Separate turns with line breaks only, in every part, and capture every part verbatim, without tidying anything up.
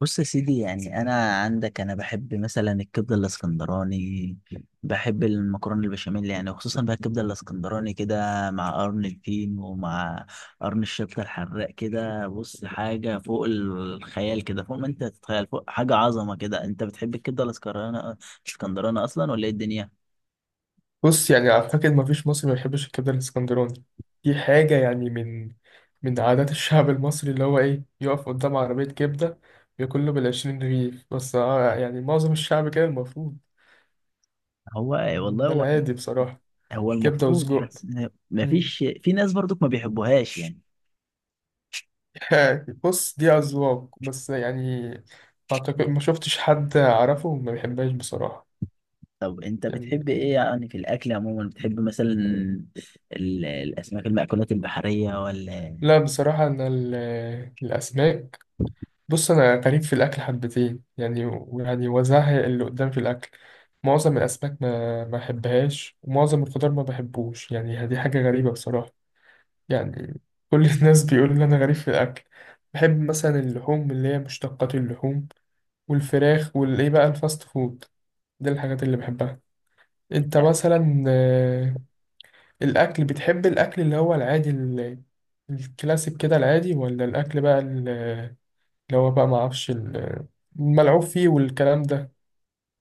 بص يا سيدي، يعني انا عندك انا بحب مثلا الكبده الاسكندراني. بحب المكرونه البشاميل، يعني وخصوصا بقى الكبده الاسكندراني كده مع قرن الفين ومع قرن الشطه الحراق كده. بص حاجه فوق الخيال كده، فوق ما انت تتخيل، فوق حاجه عظمه كده. انت بتحب الكبده الاسكندراني الاسكندراني اصلا ولا ايه الدنيا؟
بص يعني أعتقد مفيش مصري ما يحبش الكبدة الإسكندراني. دي حاجة يعني من من عادات الشعب المصري اللي هو إيه، يقف قدام عربية كبدة ياكل له بالعشرين رغيف. بس آه يعني معظم الشعب كده المفروض.
هو
يعني
والله
ده
هو
العادي بصراحة.
هو
كبدة
المفروض
وسجق.
بس
مم.
مفيش. في ناس برضك ما بيحبوهاش يعني.
بص دي أذواق، بس يعني أعتقد ما شفتش حد أعرفه ما بيحبهاش بصراحة.
طب انت بتحب
يعني
ايه يعني في الاكل عموما؟ بتحب مثلا ال- الاسماك المأكولات البحريه ولا؟
لا بصراحة أنا ال- الأسماك. بص انا غريب في الاكل حبتين، يعني ويعني وزهق اللي قدام في الاكل. معظم الاسماك ما ما بحبهاش، ومعظم الخضار ما بحبوش، يعني دي حاجه غريبه بصراحه. يعني كل الناس بيقولوا ان انا غريب في الاكل. بحب مثلا اللحوم، اللي هي مشتقات اللحوم والفراخ والايه بقى، الفاست فود. دي الحاجات اللي بحبها. انت مثلا آه، الاكل، بتحب الاكل اللي هو العادي ال- الكلاسيك كده العادي، ولا الاكل بقى اللي هو بقى ما اعرفش ال- الملعوب فيه والكلام ده؟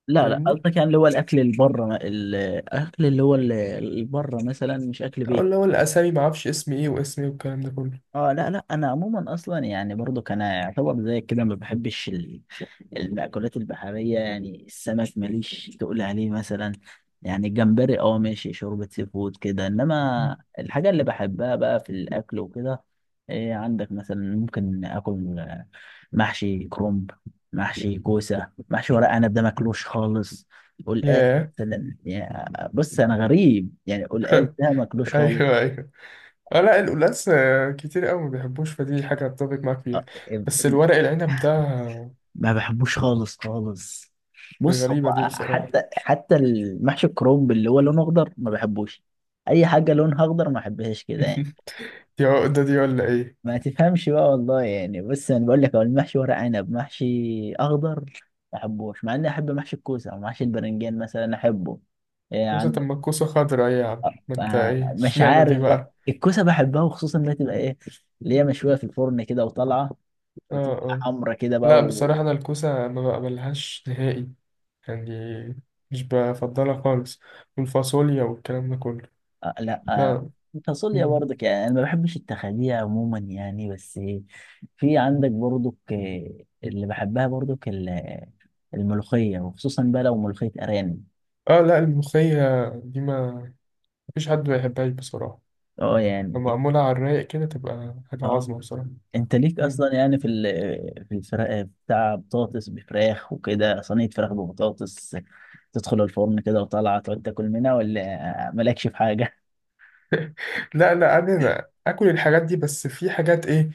لا لا،
فاهمني؟
قصدك يعني اللي هو الاكل اللي بره، الاكل اللي هو اللي بره، مثلا مش اكل
أو
بيت.
اللي هو الاسامي، ما اعرفش اسم ايه واسم ايه والكلام ده كله.
اه لا لا، انا عموما اصلا يعني برضو كان يعتبر زي كده ما بحبش ال- المأكولات البحريه، يعني السمك ماليش تقول عليه مثلا. يعني الجمبري اه ماشي، شوربه سي فود كده، انما الحاجه اللي بحبها بقى في الاكل وكده، إيه عندك مثلا؟ ممكن اكل آه، محشي كرنب، محشي كوسه، محشي ورق عنب ده ماكلوش خالص. والقاس
ياه.
مثلا، يعني بص انا غريب، يعني القاس ده ماكلوش خالص.
ايوه ايوه. اه، لا القلقاس آه، كتير قوي ما بيحبوش، فدي حاجه اتفق معاك فيها.
آه،
بس الورق العنب ده آه،
ما بحبوش خالص خالص. بص
غريبه
هو
دي بصراحه.
حتى حتى المحشي الكرنب اللي هو لونه اخضر ما بحبوش. اي حاجه لونها اخضر ما بحبهاش كده يعني.
دي عقده دي ولا ايه؟
ما تفهمش بقى والله. يعني بص انا بقول لك، هو المحشي ورق عنب محشي اخضر ما بحبوش، مع اني احب محشي الكوسه او محشي البرنجان مثلا احبه. إيه
كوسه؟ طب
عندك؟
ما الكوسه خضرا، ايه يا عم؟ ما انت
آه،
ايه،
مش
اشمعنى دي
عارف بقى،
بقى؟
الكوسه بحبها وخصوصا انها تبقى ايه، اللي هي مشويه في الفرن كده وطالعه
اه
وتبقى
اه،
حمرا كده بقى.
لا بصراحه انا الكوسه ما بقبلهاش نهائي. يعني مش بفضلها خالص. والفاصوليا والكلام ده كله.
آه لا آه.
لا.
تصلي
مم.
برضك يعني انا ما بحبش التخابيئة عموما، يعني بس. في عندك برضك آه، اللي بحبها برضك ال- الملوخية، وخصوصا بقى لو ملوخية ارانب.
اه، لا الملوخية دي ما مفيش حد ما يحبهاش بصراحة.
اه
لما
يعني.
معمولة على الرايق كده تبقى حاجة
اه
عظمة بصراحة.
انت ليك
مم.
اصلا يعني في ال- في الفراخ بتاع بطاطس بفراخ وكده، صينية فراخ ببطاطس تدخل الفرن كده وطالعة تقعد تاكل منها ولا مالكش في حاجة؟
لا لا، أنا أنا آكل الحاجات دي، بس في حاجات إيه،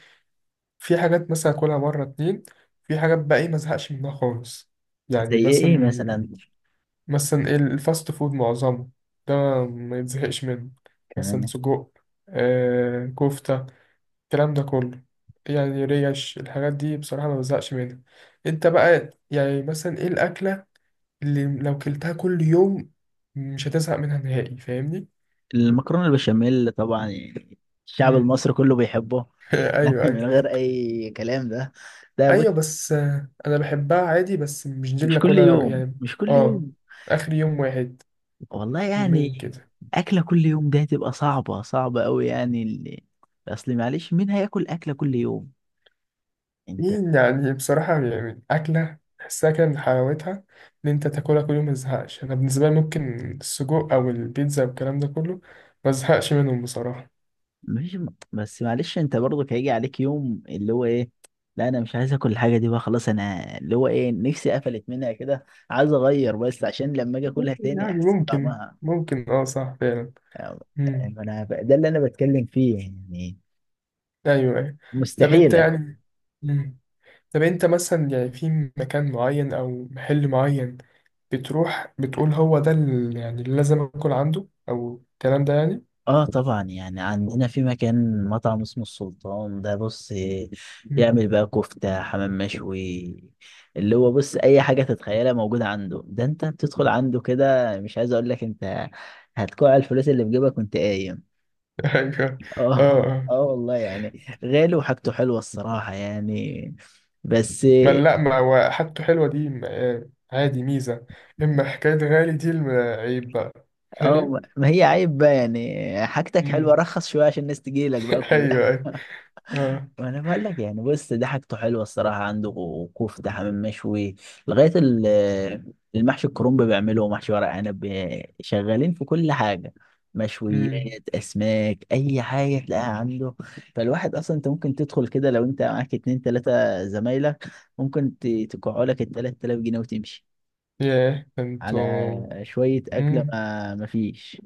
في حاجات مثلا آكلها مرة اتنين، في حاجات بقى إيه مزهقش منها خالص.
زي
يعني
ايه ايه
مثلا،
مثلا؟
مثلا إيه، الفاست فود معظمه ده ما يتزهقش منه. مثلا
تمام.
سجق، آه كفتة، الكلام ده كله. يعني ريش، الحاجات دي بصراحة ما بزهقش منها. انت بقى يعني مثلا ايه الأكلة اللي لو كلتها كل يوم مش هتزهق منها نهائي؟ فاهمني؟
المكرونة البشاميل طبعا يعني، الشعب
مم.
المصري كله بيحبه.
ايوه
من
ايوه.
غير اي كلام ده، ده بص.
ايوه، بس آه، انا بحبها عادي، بس مش دي
مش
اللي
كل
اكلها
يوم
يعني.
مش كل
اه،
يوم.
اخر يوم واحد،
والله
يومين
يعني
كده.
اكله كل يوم ده هتبقى صعبه صعبه قوي يعني. اللي اصل معلش مين هياكل اكله كل يوم؟ انت.
مين يعني بصراحة، يعني أكلة تحسها كده من حلاوتها إن أنت تاكلها كل يوم متزهقش؟ أنا بالنسبة لي ممكن السجق أو البيتزا والكلام ده كله، مزهقش منهم بصراحة.
مش بس معلش انت برضك هيجي عليك يوم اللي هو ايه، لا انا مش عايز اكل الحاجه دي بقى خلاص، انا اللي هو ايه نفسي قفلت منها كده، عايز اغير بس عشان لما اجي اكلها
ممكن
تاني
يعني
احس
ممكن
بطعمها.
ممكن اه، صح فعلا. مم.
يعني انا ب- ده اللي انا بتكلم فيه يعني.
ايوه ايوه. طب انت
مستحيل.
يعني. مم. طب انت مثلا يعني في مكان معين او محل معين بتروح بتقول هو ده ال- يعني اللي لازم اكل عنده، او الكلام ده يعني؟
اه طبعا، يعني عندنا في مكان مطعم اسمه السلطان ده، بص
مم.
يعمل بقى كفتة حمام مشوي، اللي هو بص اي حاجة تتخيلها موجودة عنده. ده انت بتدخل عنده كده، مش عايز اقول لك، انت هتكوع الفلوس اللي في جيبك وانت قايم.
ايوه. اه
اه
اه.
اه والله، يعني غالي وحاجته حلوة الصراحة يعني، بس.
ما لا، ما هو حاجته حلوه دي م- آه، عادي، ميزه. اما حكايه غالي دي الم- عيب بقى. فاهم؟
اه ما هي عيب بقى يعني، حاجتك حلوة
مم.
رخص شوية عشان الناس تجيلك بقى كلها.
ايوه ايوه. اه.
انا بقول لك يعني، بص ده حاجته حلوه الصراحه عنده، كفته حمام مشوي لغايه ال- المحشي الكرنب بيعمله، ومحشي ورق عنب، شغالين في كل حاجه.
امم.
مشويات، اسماك، اي حاجه تلاقيها عنده. فالواحد اصلا انت ممكن تدخل كده، لو انت معاك اتنين تلاته زمايلك ممكن ت- تقعوا لك ال تلات آلاف جنيه وتمشي
ياه انتوا.
على شويه اكله
امم.
ما ما فيش.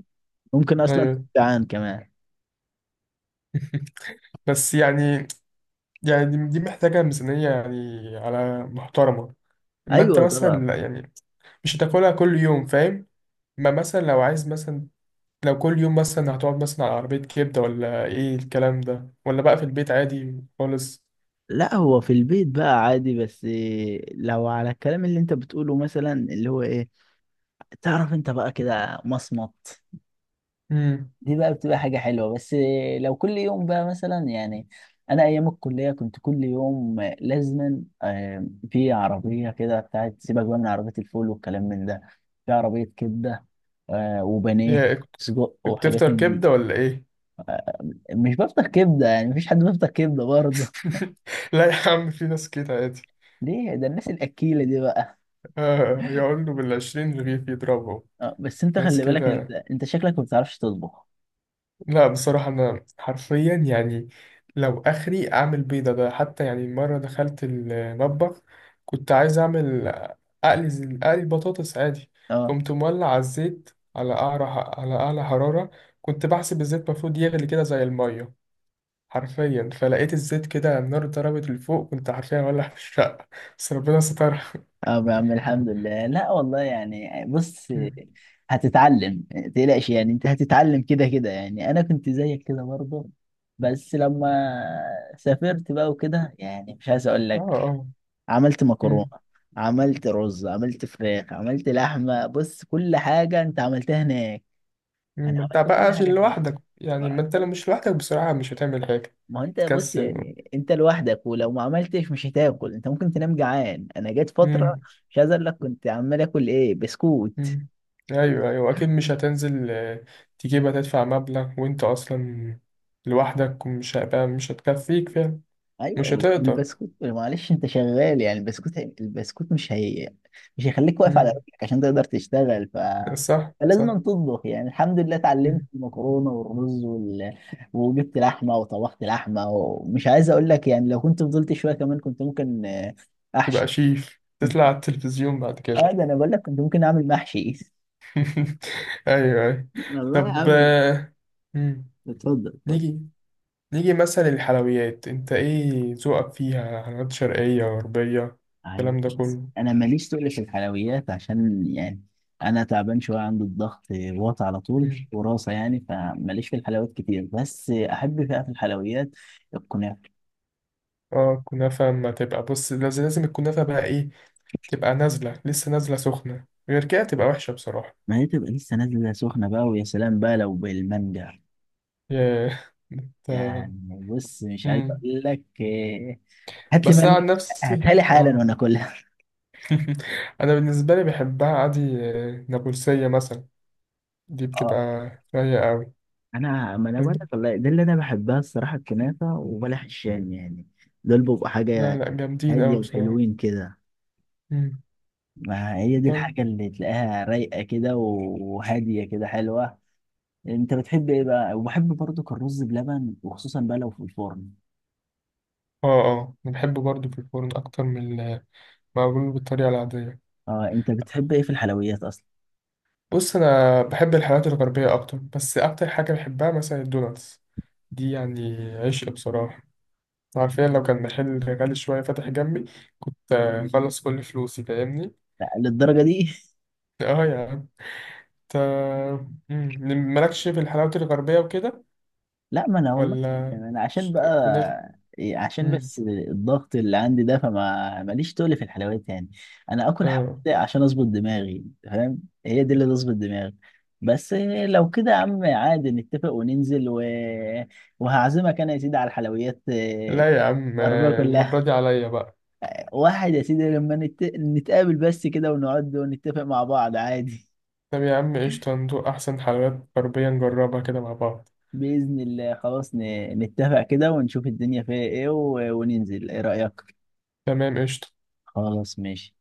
ممكن اصلا تبقى
ايوه.
جعان كمان.
بس يعني، يعني دي دي محتاجة ميزانية يعني على محترمة. أما أنت
ايوه
مثلا
طبعا.
لا يعني، مش هتاكلها كل يوم فاهم. ما مثلا لو عايز مثلا، لو كل يوم مثلا هتقعد مثلا على عربية كبدة، ولا إيه الكلام ده، ولا بقى في البيت عادي خالص.
لا هو في البيت بقى عادي، بس إيه، لو على الكلام اللي انت بتقوله مثلا اللي هو ايه، تعرف انت بقى كده مصمت،
امم.
دي بقى بتبقى حاجة حلوة. بس إيه، لو كل يوم بقى مثلا، يعني انا ايام الكلية كنت كل يوم لازما آه، في عربية كده بتاعت، سيبك بقى من عربية الفول والكلام من ده، في عربية كبدة، آه، وبانيه،
يا.
سجق وحاجات
بتفطر
من دي.
كبدة ولا إيه؟
مش بفطر كبدة، يعني مفيش حد بيفطر كبدة برضه.
لا يا عم، في ناس كده عادي.
ليه؟ ده الناس الأكيلة دي بقى.
آه يقول له بالعشرين رغيف يضربه.
اه بس انت
ناس
خلي بالك، انت
كده.
انت شكلك ما بتعرفش تطبخ.
لا بصراحة أنا حرفيا يعني لو آخري أعمل بيضة، ده حتى يعني مرة دخلت المطبخ كنت عايز أعمل أقلي زي- أقلي بطاطس عادي.
اه
قمت مولع على الزيت، على أعلى على أعلى حرارة. كنت بحسب الزيت المفروض يغلي كده زي المية حرفيا، فلقيت الزيت كده النار ضربت لفوق. كنت حرفيا مولع في الشقة، بس ربنا سترها.
اه يا عم الحمد لله. لا والله، يعني بص
مم.
هتتعلم، تقلقش يعني، انت هتتعلم كده كده. يعني انا كنت زيك كده برضه، بس لما سافرت بقى وكده، يعني مش عايز اقول
اه
لك،
اه.
عملت مكرونة،
مم.
عملت رز، عملت فراخ، عملت لحمة. بص كل حاجة انت عملتها هناك.
مم.
انا
ما انت
عملت
بقى
كل
عشان
حاجة هناك.
لوحدك يعني، ما انت لو مش لوحدك بصراحة مش هتعمل حاجة.
ما هو انت بص،
تكسل.
يعني انت لوحدك، ولو ما عملتش مش هتاكل، انت ممكن تنام جعان. انا جت فتره
امم.
مش عايز اقول لك، كنت عمال اكل ايه، بسكوت.
امم. ايوه ايوه، اكيد مش هتنزل آه، تجيبها، تدفع مبلغ وانت اصلا لوحدك، ومش هيبقى، مش هتكفيك فعلا.
ايوه
مش هتقدر.
والبسكوت معلش انت شغال، يعني البسكوت البسكوت مش هي، مش هيخليك واقف على
امم.
رجلك عشان تقدر تشتغل. ف
صح
فلازم
صح.
أن تطبخ. يعني الحمد لله اتعلمت
مم.
المكرونه والرز وال... وجبت لحمه وطبخت لحمه، ومش عايز اقول لك يعني لو كنت فضلت شويه كمان كنت ممكن آه،
تبقى
احشي،
شيف، تطلع
كنت
على التلفزيون بعد كده.
اه. ده انا بقول لك كنت ممكن اعمل محشي،
ايوه ايوه.
والله يا
طب
عم.
آه، مم.
اتفضل اتفضل.
نيجي نيجي مثلا الحلويات، انت ايه ذوقك فيها؟ حلويات شرقية، غربية،
عيب.
الكلام ده كله؟
انا ماليش تقل في الحلويات، عشان يعني انا تعبان شويه، عندي الضغط واطي على طول
مم.
وراسه يعني، فماليش في الحلويات كتير، بس احب بقى في الحلويات الكنافه.
اه، كنافة. ما تبقى بص، لازم لازم الكنافة بقى ايه، تبقى نازلة لسه نازلة سخنة، غير كده تبقى وحشة بصراحة.
ما هي تبقى لسه نازله سخنه بقى، ويا سلام بقى لو بالمانجا.
ياه. انت.
يعني بص مش عايز
مم.
اقول لك إيه، هات لي
بس أنا
مانجا،
عن نفسي
هاتها لي حالا
اه.
وانا اكلها.
أنا بالنسبة لي بحبها عادي. آه، نابلسية مثلا دي بتبقى رايقة أوي.
انا ما انا بقول
فاهم؟
لك والله، ده اللي انا بحبها الصراحه، الكنافه وبلح الشام يعني، دول بيبقوا
لا
حاجه
لا، جامدين
هاديه
أوي بصراحة.
وحلوين كده.
مم.
ما هي دي
طيب.
الحاجه اللي تلاقيها رايقه كده وهاديه كده حلوه. انت بتحب ايه بقى؟ وبحب برضك الرز بلبن، وخصوصا بقى لو في الفرن.
اه اه، أنا بحبه برضه في الفرن أكتر من المعمول بالطريقة العادية.
اه انت بتحب ايه في الحلويات اصلا؟
بص أنا بحب الحلويات الغربية أكتر، بس أكتر حاجة بحبها مثلا الدوناتس، دي يعني عشق بصراحة. حرفيا لو كان محل غالي شوية فاتح جنبي كنت آه، أخلص كل فلوسي. فاهمني؟
لا، للدرجه دي؟
اه يا عم. انت. مم. مالكش في الحلاوة الغربية وكده
لا ما انا والله،
ولا؟
يعني انا عشان
ش- كنافة؟
بقى إيه، عشان
مم.
بس الضغط اللي عندي ده، فما ماليش تقل في الحلويات يعني. انا اكل حلويات
اه،
عشان اظبط دماغي، فاهم؟ هي دي اللي تظبط دماغي. بس إيه، لو كده يا عم عادي، نتفق وننزل و... وهعزمك انا يا سيدي على الحلويات إيه،
لا يا عم
الغربية
آه،
كلها.
المرة دي عليا بقى.
واحد يا سيدي، لما نت... نتقابل بس كده ونقعد ونتفق مع بعض عادي.
طب يا عم قشطة، ندوق أحسن حلويات غربية نجربها كده مع بعض.
بإذن الله خلاص، ن... نتفق كده ونشوف الدنيا فيها ايه و... وننزل، ايه رأيك؟
تمام، قشطة.
خلاص ماشي.